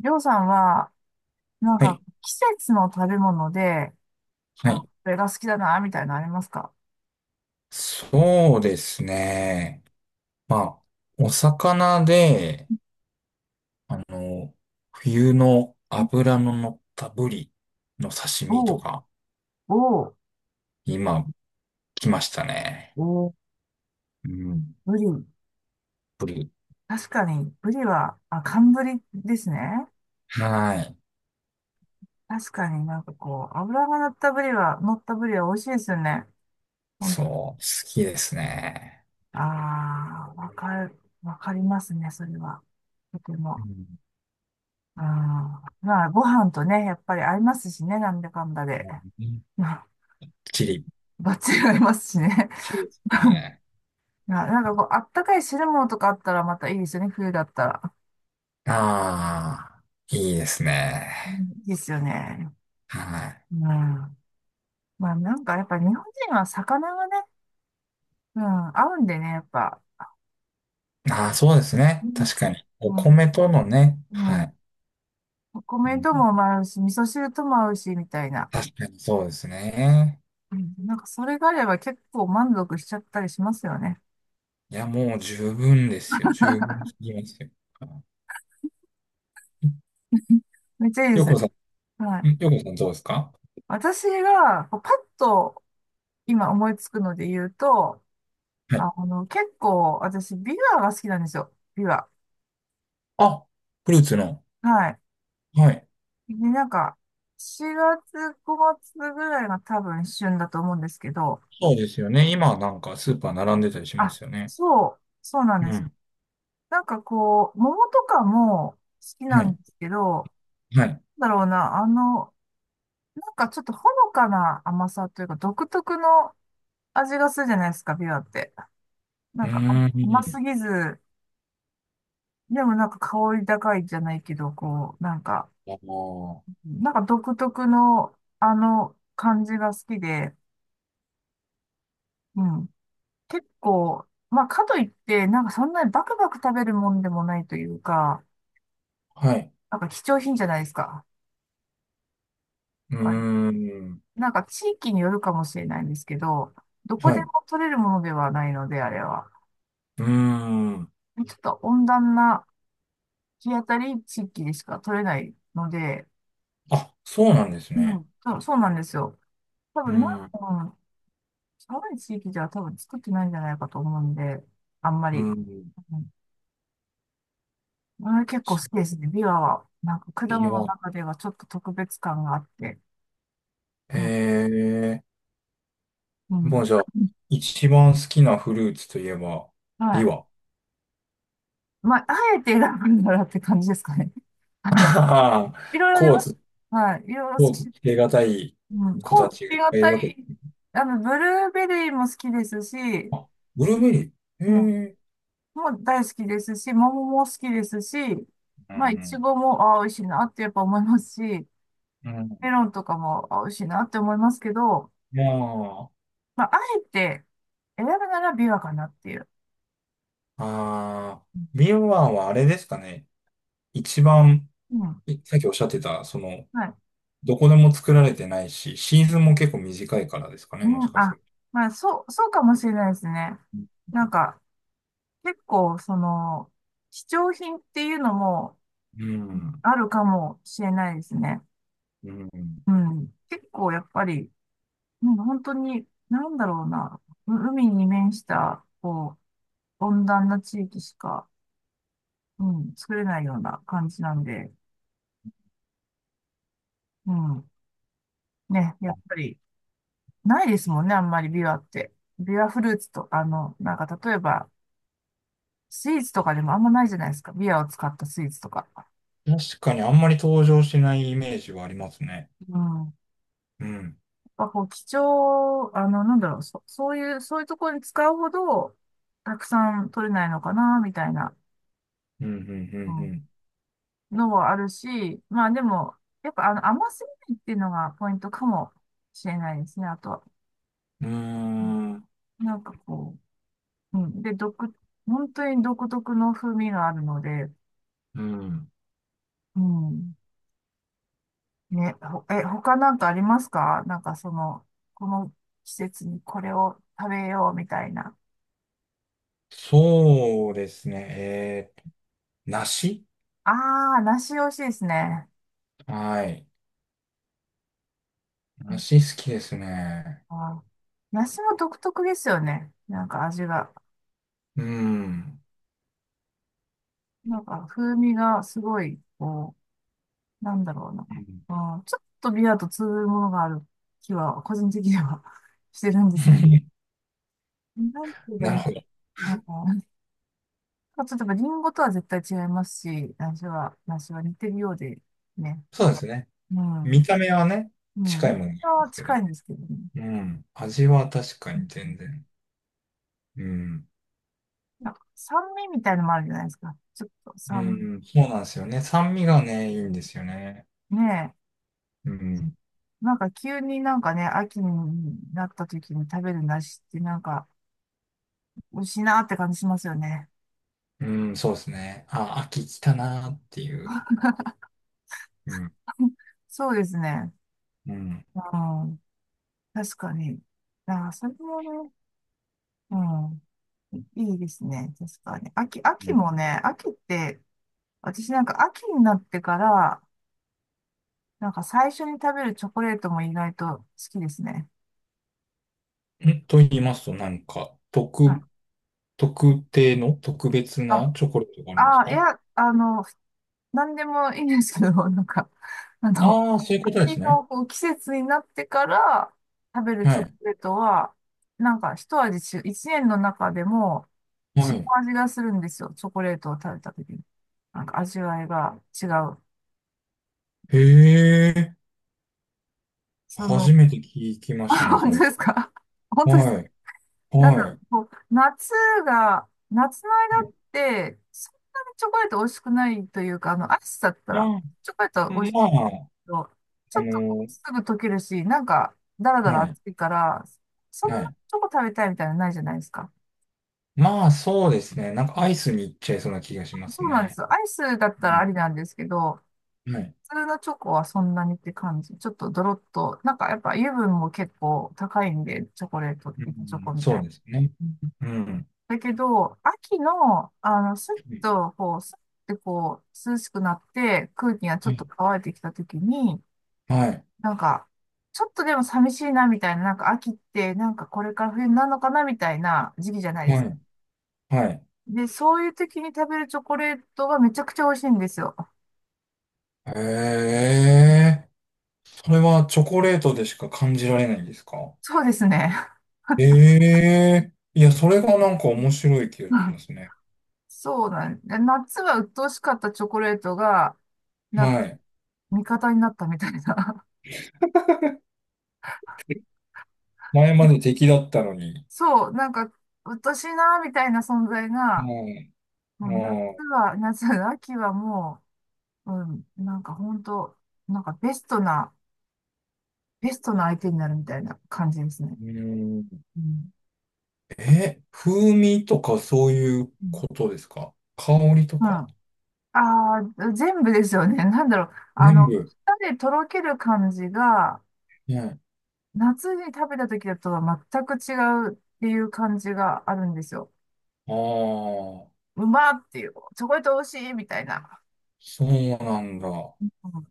りょうさんは、はい。季節の食べ物で、はあ、こい。れが好きだな、みたいなのありますか？そうですね。まあ、お魚で、あの、冬の脂の乗ったブリの刺身おとう、か、おう、今、来ましたね。おう、うん。ブリ。ブリ。確かに、ブリは、あ、寒ブリですね。はい。確かにこう、油が乗ったブリは、乗ったブリは美味しいですよね。本そう、当に。好きですね。ああ、わかる、わかりますね、それは。とてうも。ん。うん。まあ、ご飯とね、やっぱり合いますしね、なんだかんだで。まあ、チ リ。バッチリ合いますしね。チリです ね。こう、あったかい汁物とかあったらまたいいですよね、冬だったら。ああ、いいですうん、ね。いいですよね。はい。うん。まあやっぱ日本人は魚がね、うん、合うんでね、やっぱ。ああ、そうですうね。ん、確かに。おうん、米とのね。うはん。い。おう米ともん、合うし、味噌汁とも合うし、みたいな。確かにそうですね。うん、それがあれば結構満足しちゃったりしますよね。いや、もう十分ですよ。十分すぎますよ。めっちゃいいでよすね。こさはん、んい。よこさんどうですか？私が、こうパッと今思いつくので言うと、はい。結構私、ビワが好きなんですよ。ビワ。あ、フルーツの。はい。はい。ね、4月、5月ぐらいが多分旬だと思うんですけど、そうですよね。今なんかスーパー並んでたりしまあ、すよね。そうなんうです。ん。こう、桃とかも好きはなんい。ですけど、はい。なんだろうな、ちょっとほのかな甘さというか、独特の味がするじゃないですか、ビワって。うなーんか甘ん。すぎず、でも香り高いじゃないけど、こう、あの独特のあの感じが好きで、うん。結構、まあ、かといって、そんなにバクバク食べるもんでもないというか、ーはい。貴重品じゃないですか。うーまあん。地域によるかもしれないんですけど、どこはでい。うも取れるものではないので、あれは。ーん。ちょっと温暖な日当たり地域でしか取れないので、あ、そうなんですうん、ね。そうなんですよ。多うー分な、ん。ううん、寒い地域では多分作ってないんじゃないかと思うんで、あんまーり。ん。うん、あれ結構そ好きでう、すね。ビワは、果物ビのワ。中ではちょっと特別感があって、へうん、え。うもん、うじゃあ、一番好きなフルーツといえば、はビい。ワ。まあ、あえて選ぶならって感じですかね。あの、ああ、いろいろありコーます。ツ、はい。いろいろ好コき。ーツつけがたいうん。子コたーツちがい気っがぱいいたるわけです。い。あの、ブルーベリーも好きですし、あ、ブルーベリー。うん。へえ。もう大好きですし、桃も好きですし、うまあ、いちん。ごも、ああ、美味しいなってやっぱ思いますし、メうん。ロンとかも、ああ、美味しいなって思いますけど、いやーまあ、あえて選ぶならビワかなっていう。あうん。ー、ビワはあれですかね。一番、うん。いさっきおっしゃってた、その、はい。どこでも作られてないし、シーズンも結構短いからですかね、もうしん、かするあ、と。まあ、そうかもしれないですね。なんか、結構、その、貴重品っていうのもうん。あるかもしれないですね。うん。うん。結構、やっぱり、うん、本当に、なんだろうな、海に面した、こう、温暖な地域しか、うん、作れないような感じなんで、うん。ね、やっぱり、ないですもんね、あんまりビワって。ビワフルーツと、あの、例えば、スイーツとかでもあんまないじゃないですか。ビアを使ったスイーツとか。確かにあんまり登場しないイメージはありますね。うん。やっうん。ぱこう、あの、そういうところに使うほど、たくさん取れないのかな、みたいな、ううん、ん、のはあるし、まあでも、やっぱあの、甘すぎないっていうのがポイントかもしれないですね、あとは。うん、ううん。ん、うん。うーん、こう、うん。で、本当に独特の風味があるので、うん。うん。他なんかありますか？その、この季節にこれを食べようみたいな。そうですね。えー、梨。ああ、梨美味しいですね。はい。梨好きですね。あー、梨も独特ですよね。味が。うん。風味がすごい、こう、なんだろうな。うん。 うん、ちょっとビアと通ずるものがある気は、個人的には してるんですけ ど。なんて言えばいなるいほど。のかな。まあちょっとやっぱリンゴとは絶対違いますし、梨は似てるようで、ね。そうですね。うん。見た目はね、うん。近い沖ものにあり縄まはすけど。近いんですけどね。うん。味は確かうに全ん。然。うん。酸味みたいのもあるじゃないですか。ちょっとう酸ん、そうなんですよね。酸味がね、いいんですよね。味。ねえ。うん。急にね、秋になった時に食べる梨って美味しいなって感じしますよね。うん、そうですね。あ、秋来たなーっていう。うん。そうですね。うん。うん。確かに。ああ、それもね、うん。いいですね。確かに。う秋ん、もね、秋って、私なんか秋になってから、最初に食べるチョコレートも意外と好きですね。んと言いますと、なんか、は特、い。特定の特別なチョコレートがあるんですああ、か？いや、あの、何でもいいんですけど、なんか、あの、ああー、そういうことで秋すね。のこう季節になってから食べるはチョコい。レートは、一味違う、一年の中でも違はうい。味がするんですよ。チョコレートを食べた時に。味わいが違う。へえ、そ初の、めて聞き ましたあ、ね、そ本当れ。ですか？本当ですはか？い。なんだはろい。う、こう、夏の間って、そんなにチョコレート美味しくないというか、あの、暑さだったまあ、ら、チョコレートはまあ、ど、ちあょっとこの、うすぐ溶けるし、なんか、だらだはらい。熱いから、そんなはい。チョコ食べたいみたいなのないじゃないですか。まあ、そうですね。なんかアイスに行っちゃいそうな気がしますそうなんですね。よ。アイスだっうたらん、ありなんですけど、はい。普通のチョコはそんなにって感じ。ちょっとドロッと、なんかやっぱ油分も結構高いんで、チョコレート、う板チョコん、みたそいうな。ですね。うん。うん。だけど、秋の、あの、はい。スッてこう、涼しくなって、空気がちょはっとい。乾いてきた時に、なんか、ちょっとでも寂しいなみたいな、なんか秋って、なんかこれから冬になるのかなみたいな時期じゃないではすか。い。はい。で、そういう時に食べるチョコレートはめちゃくちゃ美味しいんですよ。へえ。それはチョコレートでしか感じられないんですか？そうですね。ええいや、それがなんかう面白い気がしまん。 す ね。そうなんで、夏は鬱陶しかったチョコレートが、なんはかい。味方になったみたいな。前まで敵だったのに。そう、なんか鬱陶しいなみたいな存在うが、もう夏ん。うは、夏、秋はもう、うん、なんか本当なんかベストな、ベストな相手になるみたいな感じですね。ん。うん、うん。え、風味とかそういううん。ことですか？香りとまかあ、あー、全部ですよね。なんだろう。あ全の、部。舌でとろける感じが、ね。夏に食べた時だとは全く違うっていう感じがあるんですよ。ああ、うまーっていう、チョコレート美味しいみたいな。そうなんだ。うん。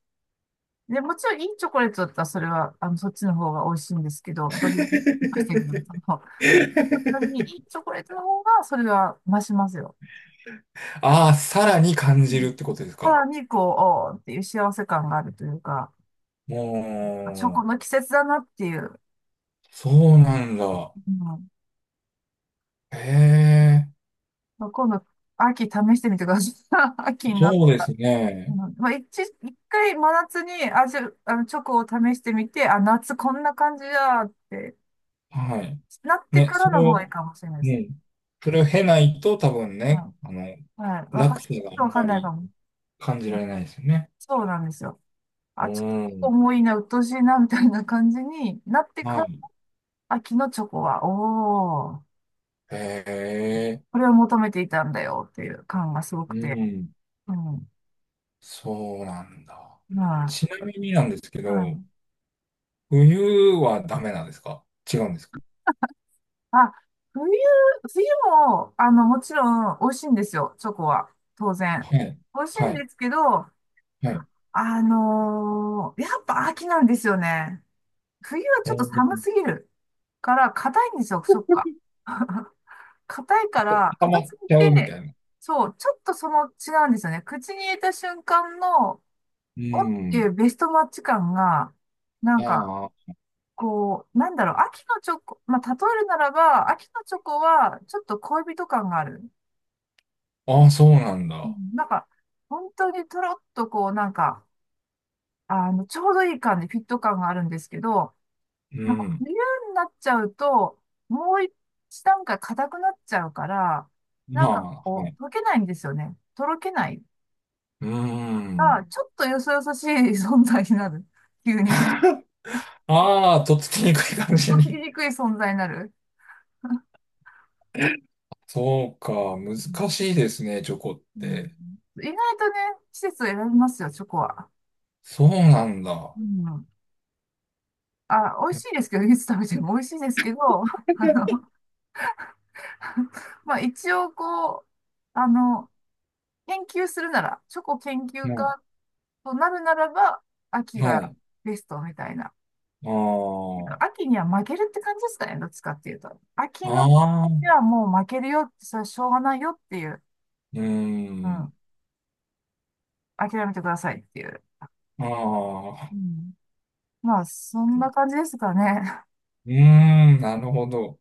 で、もちろんいいチョコレートだったらそれは、あの、そっちの方が美味しいんですけど、どれにましたけど、その、本当にいいチョコレートの方がそれは増しますよ。ああ、さらに感うじるっん。てことですさか。らにこう、おーっていう幸せ感があるというか、あチョコもう、の季節だなっていう。そうなんだ。うん。へえ。まあ今度、秋試してみてください。秋になっそうでたら。すね。うん。まあ、一回真夏にあの、チョコを試してみて、あ、夏こんな感じだってはい。なってね、からそのれ方がいいを、かもしれないでうす。ん。それを経ないと多分うん。ね、あの、はい。ち落ょっ差があとわんかまんないかりも。感じうらん。れないですよね。そうなんですよ。うあ、ちょっとん。重いな、うっとしいな、みたいな感じになってかはら、い。秋のチョコは、おー、へえ、これを求めていたんだよっていう感がすごくうて。ん。うん。そうなんだ。はちない。みになんですけはど、い。冬はダメなんですか？違うんですか？あ、冬、冬も、あの、もちろん美味しいんですよ、チョコは。当然。はい。美味しいはんい。ですけど、はい。あのーやっぱ秋なんですよね。冬はうちょっとん。寒すぎるから、硬いんですよ、チョコが。硬いから、溜硬まっすぎちゃうみて、たいな。そう、ちょっとその違うんですよね。口に入れた瞬間の、うおっていん。うベストマッチ感が、なんか、あこう、なんだろう、秋のチョコ、まあ、例えるならば、秋のチョコは、ちょっと恋人感がある。あ、ああ、そうなんうだ。ん。なんか、本当にとろっとこう、なんか、あの、ちょうどいい感じ、フィット感があるんですけど、うなんかん。冬になっちゃうと、もう一段階硬くなっちゃうから、なんかまあ、はこい。う、溶けないんですよね。とろけない。うーあ、ん。ちょっとよそよそしい存在になる。急に。ああ、とっつきにくい感じとっつきに。にくい存在になる。そうか、うん。難しいですね、チョコっうん。て。意外とね、季節を選びますよ、チョコは。そうなんだ。うん。あ、美 い味やしいですけど、いつ食べても美味しいですけど、っ まあ一応こう、あの、研究するなら、チョコ研究も家となるならば、秋う、はがい。ベストみたいな。なあんか秋には負けるって感じですかね、どっちかっていうと。秋のあ、ああ、う時はもう負けるよって、それはしょうがないよっていう、ーうん、ん、諦めてくださいっていう。あうあ、ん、まあ、そんな感じですかね。うーん、なるほど。